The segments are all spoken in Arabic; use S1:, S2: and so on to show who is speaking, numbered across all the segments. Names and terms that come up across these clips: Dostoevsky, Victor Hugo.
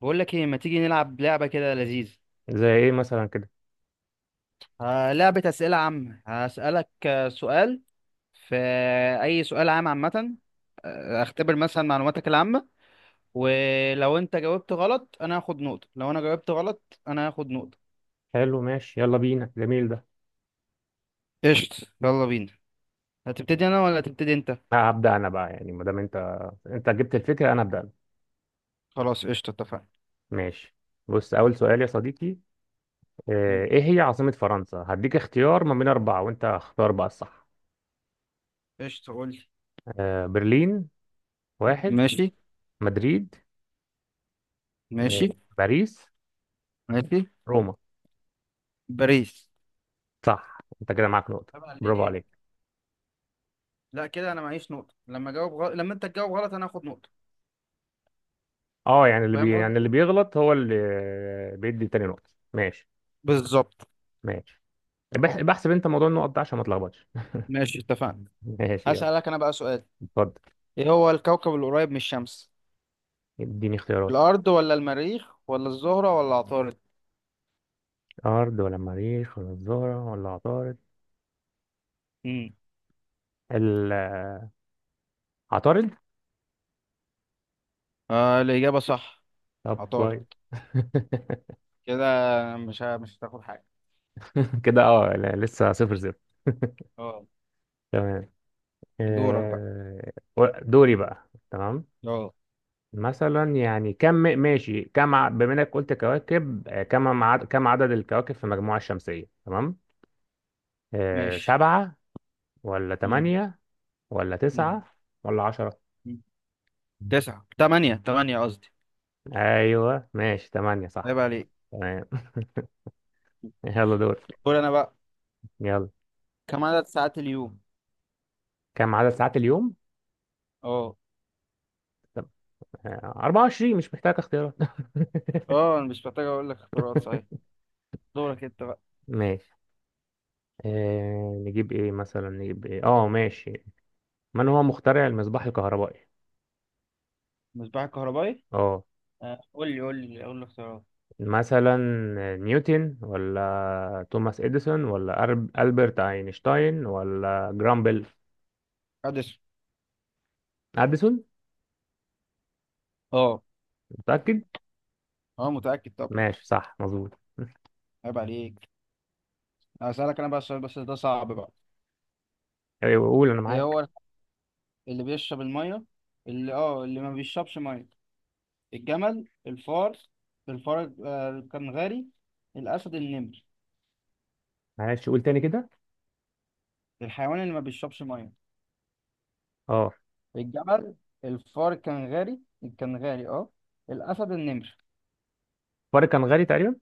S1: بقول لك ايه، ما تيجي نلعب لعبة كده لذيذة؟
S2: زي ايه مثلا كده
S1: آه، لعبة أسئلة عامة. هسألك سؤال في أي سؤال عام، عامة. اختبر مثلا معلوماتك العامة. ولو انت جاوبت غلط انا هاخد نقطة، لو انا جاوبت غلط انا هاخد نقطة.
S2: حلو ماشي يلا بينا جميل ده.
S1: قشطة، يلا بينا. هتبتدي انا ولا هتبتدي انت؟
S2: لا هبدأ انا بقى يعني ما دام انت جبت الفكرة انا هبدأ أنا.
S1: خلاص قشطة اتفقنا.
S2: ماشي، بص اول سؤال يا صديقي.
S1: مم.
S2: ايه هي عاصمة فرنسا؟ هديك اختيار ما بين اربعة وانت اختار بقى الصح.
S1: قشطة، قول لي.
S2: برلين واحد،
S1: ماشي.
S2: مدريد، م-
S1: ماشي.
S2: باريس،
S1: ماشي.
S2: روما.
S1: باريس.
S2: صح، انت كده معاك نقطة،
S1: طب
S2: برافو
S1: عليك.
S2: عليك.
S1: لا كده انا معيش نقطة، لما جاوب غلط، لما انت تجاوب غلط انا هاخد نقطة.
S2: اه يعني
S1: فاهم قصدي؟
S2: يعني اللي بيغلط هو اللي بيدي تاني نقطة، ماشي.
S1: بالظبط.
S2: ماشي، بحسب انت موضوع النقط ده عشان ما تلخبطش.
S1: ماشي اتفقنا.
S2: ماشي يلا.
S1: هسألك أنا بقى سؤال.
S2: اتفضل،
S1: إيه هو الكوكب القريب من الشمس؟
S2: اديني اختيارات.
S1: الأرض ولا المريخ ولا الزهرة ولا عطارد؟
S2: أرض ولا مريخ ولا الزهرة ولا عطارد؟
S1: امم
S2: ال- عطارد.
S1: آه، الإجابة صح.
S2: طب
S1: عطارد.
S2: كويس.
S1: كده مش هتاخد حاجة.
S2: كده اه لا، لسه 0-0.
S1: اه.
S2: تمام.
S1: دورك بقى.
S2: آه، دوري بقى، تمام.
S1: اه.
S2: مثلا يعني كم، ماشي كم بما انك قلت كواكب، كم عدد، كم عدد الكواكب في المجموعة الشمسية؟ تمام.
S1: ماشي.
S2: سبعة ولا
S1: امم
S2: تمانية ولا
S1: امم
S2: تسعة ولا عشرة؟
S1: أمم. تسعة، تمانية، تمانية قصدي.
S2: ايوه ماشي، تمانية
S1: عيب
S2: صح.
S1: عليك.
S2: تمام. يلا دورك.
S1: قول أنا بقى.
S2: يلا،
S1: كم عدد ساعات اليوم؟
S2: كم عدد ساعات اليوم؟
S1: اه.
S2: 24 مش محتاج اختيارات.
S1: اه أنا مش محتاج أقول لك اختيارات، صحيح. دورك أنت بقى.
S2: ماشي. نجيب ايه مثلا، نجيب ايه، اه ماشي. من هو مخترع المصباح الكهربائي؟
S1: مصباح الكهربائي.
S2: اه
S1: آه، قول لي اختيارات.
S2: مثلا، نيوتن ولا توماس اديسون ولا البرت اينشتاين ولا جرام بيل؟
S1: أديسون.
S2: اديسون.
S1: اه.
S2: متأكد؟
S1: اه متأكد.
S2: ماشي صح مظبوط.
S1: عيب عليك. هسألك انا بقى السؤال، بس ده صعب بقى.
S2: أيوة، قول انا
S1: ايه
S2: معاك.
S1: هو اللي بيشرب الميه، اللي اللي ما بيشربش ميه؟ الجمل، الفار، الفار آه، الكنغاري، الاسد، النمر.
S2: معلش قول تاني كده.
S1: الحيوان اللي ما بيشربش ميه.
S2: اه،
S1: الجمل، الفار الكنغاري، الكنغاري. اه. الاسد، النمر.
S2: الفرق كان غالي تقريبا.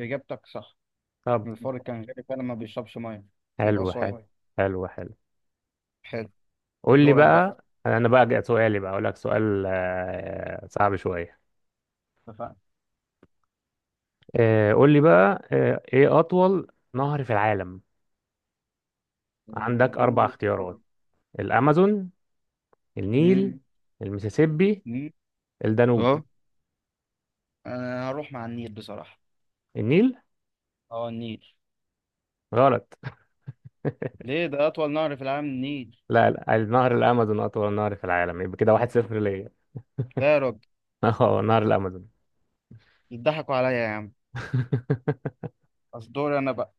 S1: اجابتك صح.
S2: طب
S1: الفار الكنغاري فعلا ما بيشربش ميه. بيبقى
S2: حلو
S1: صايم.
S2: حلو، حلو حلو.
S1: حلو.
S2: قول لي
S1: دورك بقى.
S2: بقى، انا بقى جاء سؤالي، بقى اقول لك سؤال، صعب شويه.
S1: اتفقنا.
S2: قول لي بقى. ايه اطول نهر في العالم؟
S1: آه،
S2: عندك
S1: قول
S2: اربع
S1: لي.
S2: اختيارات: الامازون،
S1: مم.
S2: النيل، المسيسيبي،
S1: مم.
S2: الدانوب.
S1: اه. انا هروح مع النيل بصراحه.
S2: النيل؟
S1: اه، النيل.
S2: غلط.
S1: ليه؟ ده أطول نهر في العالم، النيل.
S2: لا لا، النهر الامازون اطول نهر في العالم، يبقى كده 1-0 ليا.
S1: لا يا راجل.
S2: اه نهر الامازون.
S1: بتضحكوا عليا يا عم. أصل دوري أنا بقى.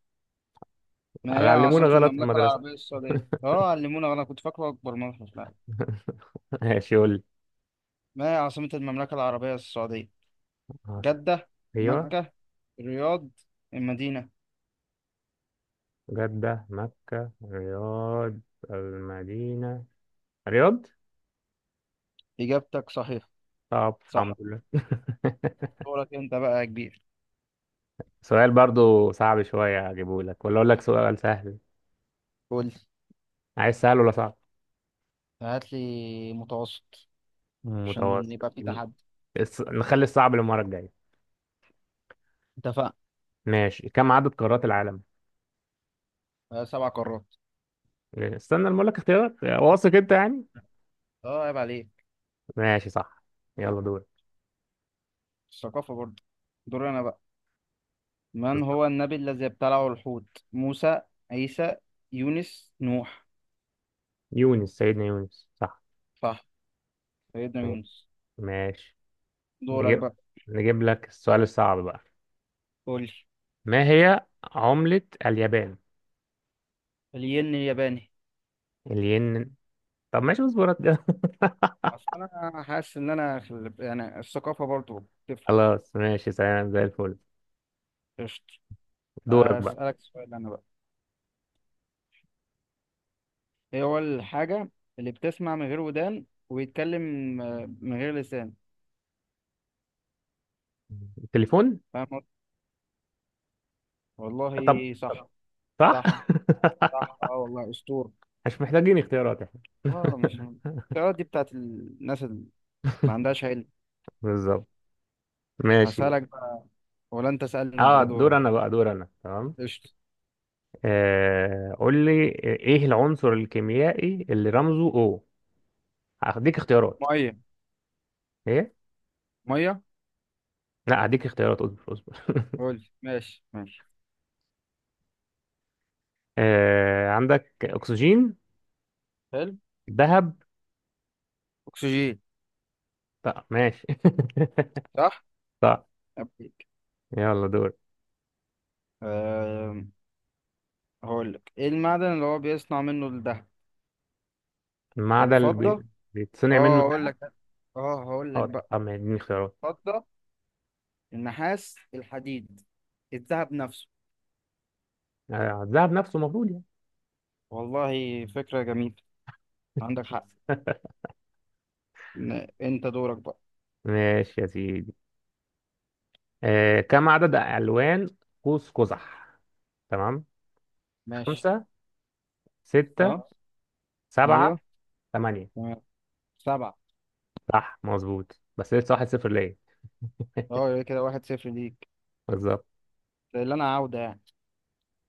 S1: ما هي
S2: علمونا
S1: عاصمة
S2: غلط في
S1: المملكة
S2: المدرسه.
S1: العربية السعودية؟ أه علمونا، أنا كنت فاكره أكبر منحة في العالم.
S2: ماشي قول لي.
S1: ما هي عاصمة المملكة العربية السعودية؟
S2: عاص-
S1: جدة،
S2: ايوه،
S1: مكة، الرياض، المدينة.
S2: جده، مكه، رياض، المدينه. رياض.
S1: إجابتك صحيحة.
S2: طب
S1: صح.
S2: الحمد لله.
S1: دورك أنت بقى يا كبير.
S2: سؤال برضو صعب شوية أجيبه لك، ولا أقول لك سؤال سهل؟
S1: قول لي.
S2: عايز سهل ولا صعب؟
S1: هات لي متوسط. عشان
S2: متوسط؟
S1: يبقى في تحدي.
S2: نخلي الصعب للمرة الجاية.
S1: اتفقنا.
S2: ماشي، كم عدد قارات العالم؟
S1: آه، سبع قارات.
S2: استنى لما أقول لك اختيارات، واثق أنت يعني؟
S1: أه عيب عليك.
S2: ماشي صح. يلا دور.
S1: الثقافة برضه. دوري أنا بقى. من
S2: بالظبط.
S1: هو النبي الذي ابتلعه الحوت؟ موسى، عيسى، يونس، نوح.
S2: يونس، سيدنا يونس صح.
S1: صح. سيدنا
S2: ماشي.
S1: يونس.
S2: ماشي.
S1: دورك
S2: نجيب،
S1: بقى.
S2: نجيب لك السؤال الصعب بقى.
S1: قول لي.
S2: ما هي عملة اليابان؟
S1: الين الياباني.
S2: الين. طب ماشي اصبر كده.
S1: اصل انا حاسس ان انا في يعني الثقافه برضو بتفرق.
S2: خلاص ماشي، سلام زي الفل.
S1: قشطة.
S2: دورك بقى.
S1: اسالك سؤال انا بقى. ايه هو الحاجه اللي بتسمع من غير ودان ويتكلم من غير لسان؟
S2: التليفون.
S1: فاهم قصدي؟
S2: طب
S1: والله صح.
S2: طب، صح.
S1: صح. صح. اه والله اسطورة.
S2: مش محتاجين اختيارات احنا.
S1: اه مش. السؤالات دي بتاعت الناس اللي ما عندهاش علم.
S2: بالظبط. ماشي.
S1: هسألك بقى. ولا انت سألني، انت
S2: اه
S1: ده
S2: دور
S1: دورك.
S2: انا بقى، دور انا تمام.
S1: قشطة.
S2: قول لي. ايه العنصر الكيميائي اللي رمزه او؟ هديك اختيارات.
S1: مية.
S2: ايه؟
S1: مية.
S2: لا هديك اختيارات، اصبر اصبر.
S1: قول. ماشي ماشي.
S2: عندك اكسجين،
S1: حلو.
S2: ذهب.
S1: أكسجين.
S2: طب ماشي.
S1: صح؟
S2: صح.
S1: أبيك.
S2: يلا دور.
S1: أه... هقول لك إيه المعدن اللي هو بيصنع منه الذهب؟
S2: المعدن
S1: الفضة.
S2: بيتصنع منه
S1: أه هقول
S2: الذهب.
S1: لك. أه هقول لك
S2: اه
S1: بقى.
S2: طب ما اديني اختيارات.
S1: الفضة، النحاس، الحديد، الذهب نفسه.
S2: الذهب نفسه المفروض يعني.
S1: والله فكرة جميلة. عندك حق. أنت دورك بقى.
S2: ماشي يا سيدي. كم عدد ألوان قوس قزح؟ تمام.
S1: ماشي.
S2: خمسة،
S1: أه.
S2: ستة، سبعة،
S1: أيوه.
S2: ثمانية.
S1: تمام. سبعة.
S2: صح مظبوط، بس لسه 1-0 ليا.
S1: أه يبقى كده واحد صفر ليك.
S2: بالظبط.
S1: ده اللي أنا عاودة يعني.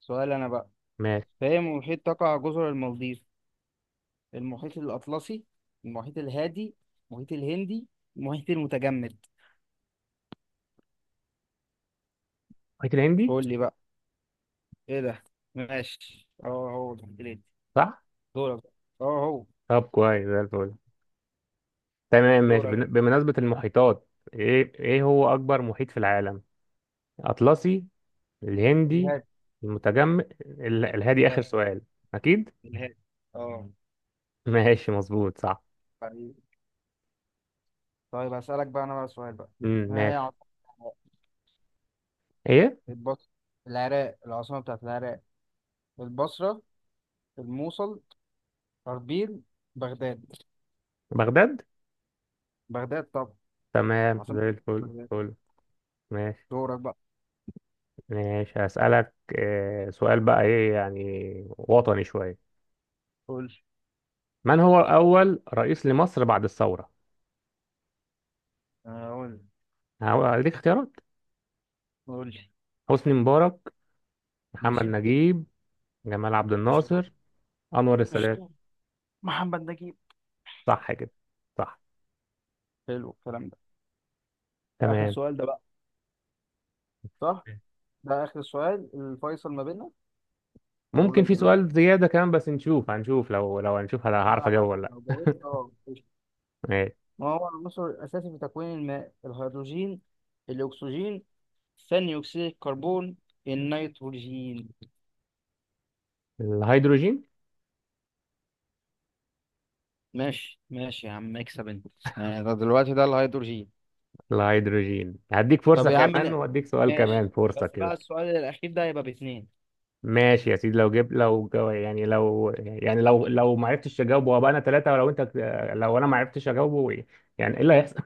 S1: سؤال أنا بقى.
S2: ماشي.
S1: في أي محيط تقع جزر المالديف؟ المحيط الأطلسي، المحيط الهادي، المحيط الهندي، المحيط المتجمد.
S2: محيط الهندي.
S1: قول لي بقى. ايه ده. ماشي، اه، هو المحيط الهندي.
S2: صح.
S1: دورك بقى. اه هو.
S2: طب كويس زي الفل. تمام ماشي،
S1: دورك بقى.
S2: بمناسبة المحيطات، ايه، ايه هو أكبر محيط في العالم؟ أطلسي، الهندي،
S1: الهادي.
S2: المتجمد، الهادي. آخر
S1: الهادي.
S2: سؤال. أكيد.
S1: الهادي. اه.
S2: ماشي مظبوط صح.
S1: طيب. طيب هسألك بقى انا بقى سؤال بقى. ما هي
S2: ماشي.
S1: عاصمة العراق؟
S2: ايه.
S1: البص. العراق، العاصمة بتاعت العراق. البصرة، الموصل، أربيل، بغداد.
S2: بغداد.
S1: بغداد طبعا.
S2: تمام
S1: عاصمة
S2: زي الفل
S1: بغداد.
S2: فل. ماشي.
S1: دورك بقى.
S2: ماشي هسألك سؤال بقى، ايه يعني، وطني شوية.
S1: قول لي.
S2: من هو أول رئيس لمصر بعد الثورة؟
S1: آه، قول لي.
S2: هديك اختيارات.
S1: قول لي.
S2: حسني مبارك، محمد
S1: ماشي.
S2: نجيب، جمال عبد
S1: قشطة.
S2: الناصر، أنور السادات.
S1: قشطة. محمد نجيب.
S2: صح كده، صح.
S1: حلو الكلام ده. اخر
S2: تمام.
S1: سؤال ده بقى. صح. ده اخر سؤال، الفيصل ما بيننا. هقول
S2: ممكن
S1: لك
S2: في سؤال
S1: دلوقتي،
S2: زيادة كمان، بس نشوف، هنشوف لو هنشوف هل هعرف
S1: على
S2: أجاوب
S1: حسب.
S2: ولا
S1: لو
S2: لأ.
S1: جاوبت اه قشطة.
S2: ماشي.
S1: ما هو العنصر الاساسي في تكوين الماء؟ الهيدروجين، الاكسجين، ثاني اكسيد الكربون، النيتروجين.
S2: الهيدروجين.
S1: ماشي ماشي يا عم، اكسب انت. يعني ده دلوقتي ده الهيدروجين.
S2: الهيدروجين هديك فرصة،
S1: طب
S2: طب
S1: يا عم
S2: كمان وأديك سؤال
S1: ماشي.
S2: كمان
S1: بس
S2: فرصة كده.
S1: بقى السؤال الاخير ده يبقى باتنين.
S2: ماشي يا سيدي، لو جبت، يعني لو، يعني لو ما عرفتش اجاوبه وابقى انا ثلاثة، ولو انت، لو انا ما عرفتش اجاوبه يعني ايه اللي هيحصل؟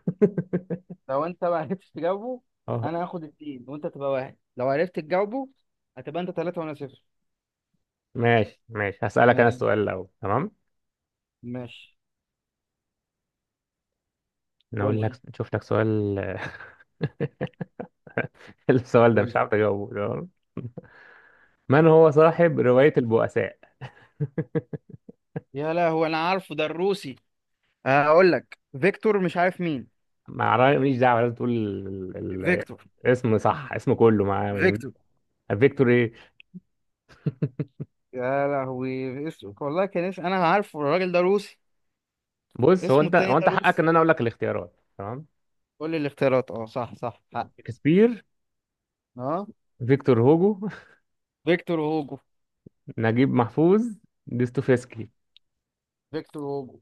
S1: لو انت ما عرفتش تجاوبه
S2: اه.
S1: انا هاخد اتنين وانت تبقى واحد. لو عرفت تجاوبه هتبقى انت تلاتة وانا صفر.
S2: ماشي، ماشي هسألك انا
S1: ماشي.
S2: السؤال لو تمام.
S1: ماشي. قول
S2: نقول
S1: لي.
S2: لك، قول شوف لك سؤال. السؤال ده
S1: قول
S2: مش
S1: لي.
S2: عارف اجاوبه، تمام. من هو صاحب رواية البؤساء؟
S1: يا لهوي انا عارفه، ده الروسي. هقول لك فيكتور، مش عارف مين.
S2: ما أعرف- ماليش دعوة، لازم تقول ال... ال...
S1: فيكتور.
S2: اسم صح، اسمه كله مع
S1: فيكتور.
S2: فيكتور ايه.
S1: يا لهوي اسمه، والله كان اسم، انا عارفه، الراجل ده روسي.
S2: بص، هو
S1: اسمه
S2: انت،
S1: التاني
S2: هو
S1: ده
S2: انت حقك
S1: روسي.
S2: ان انا اقول لك الاختيارات، تمام.
S1: قول لي الاختيارات. اه صح صح، حق.
S2: شكسبير،
S1: اه.
S2: فيكتور هوجو،
S1: فيكتور هوجو.
S2: نجيب محفوظ، دوستويفسكي.
S1: فيكتور هوجو.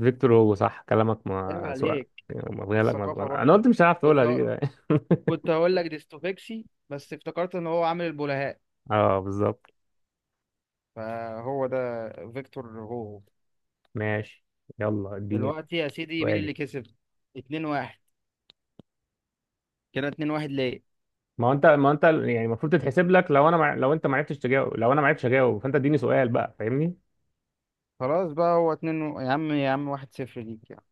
S2: فيكتور هوجو صح كلامك،
S1: عيب
S2: ما سؤال.
S1: عليك.
S2: مغيالك
S1: الثقافة
S2: مغيالك، انا
S1: برضه
S2: قلت
S1: حلوة.
S2: مش هعرف تقولها
S1: كنت ه...
S2: دي.
S1: كنت هقول لك ديستوفيكسي بس افتكرت ان هو عامل البلهاء.
S2: اه بالظبط.
S1: فهو ده، فيكتور هوجو.
S2: ماشي، يلا اديني
S1: دلوقتي يا سيدي مين
S2: سؤالي.
S1: اللي كسب؟ 2-1. كده اتنين واحد ليه.
S2: ما هو انت، ما هو انت يعني المفروض تتحسب لك، لو انا لو انت ما عرفتش تجاوب، لو انا ما عرفتش اجاوب، فانت اديني سؤال بقى، فاهمني؟
S1: خلاص بقى يا عم يا عم، واحد صفر ليك يعني.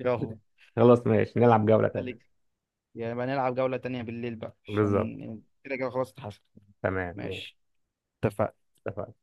S1: يلا.
S2: خلاص ماشي، نلعب جولة
S1: انت ليك.
S2: تانية.
S1: يبقى نلعب جولة تانية بالليل بقى،
S2: بالظبط.
S1: عشان كده كده خلاص اتحسن.
S2: تمام ماشي.
S1: ماشي. اتفقنا.
S2: اتفقنا.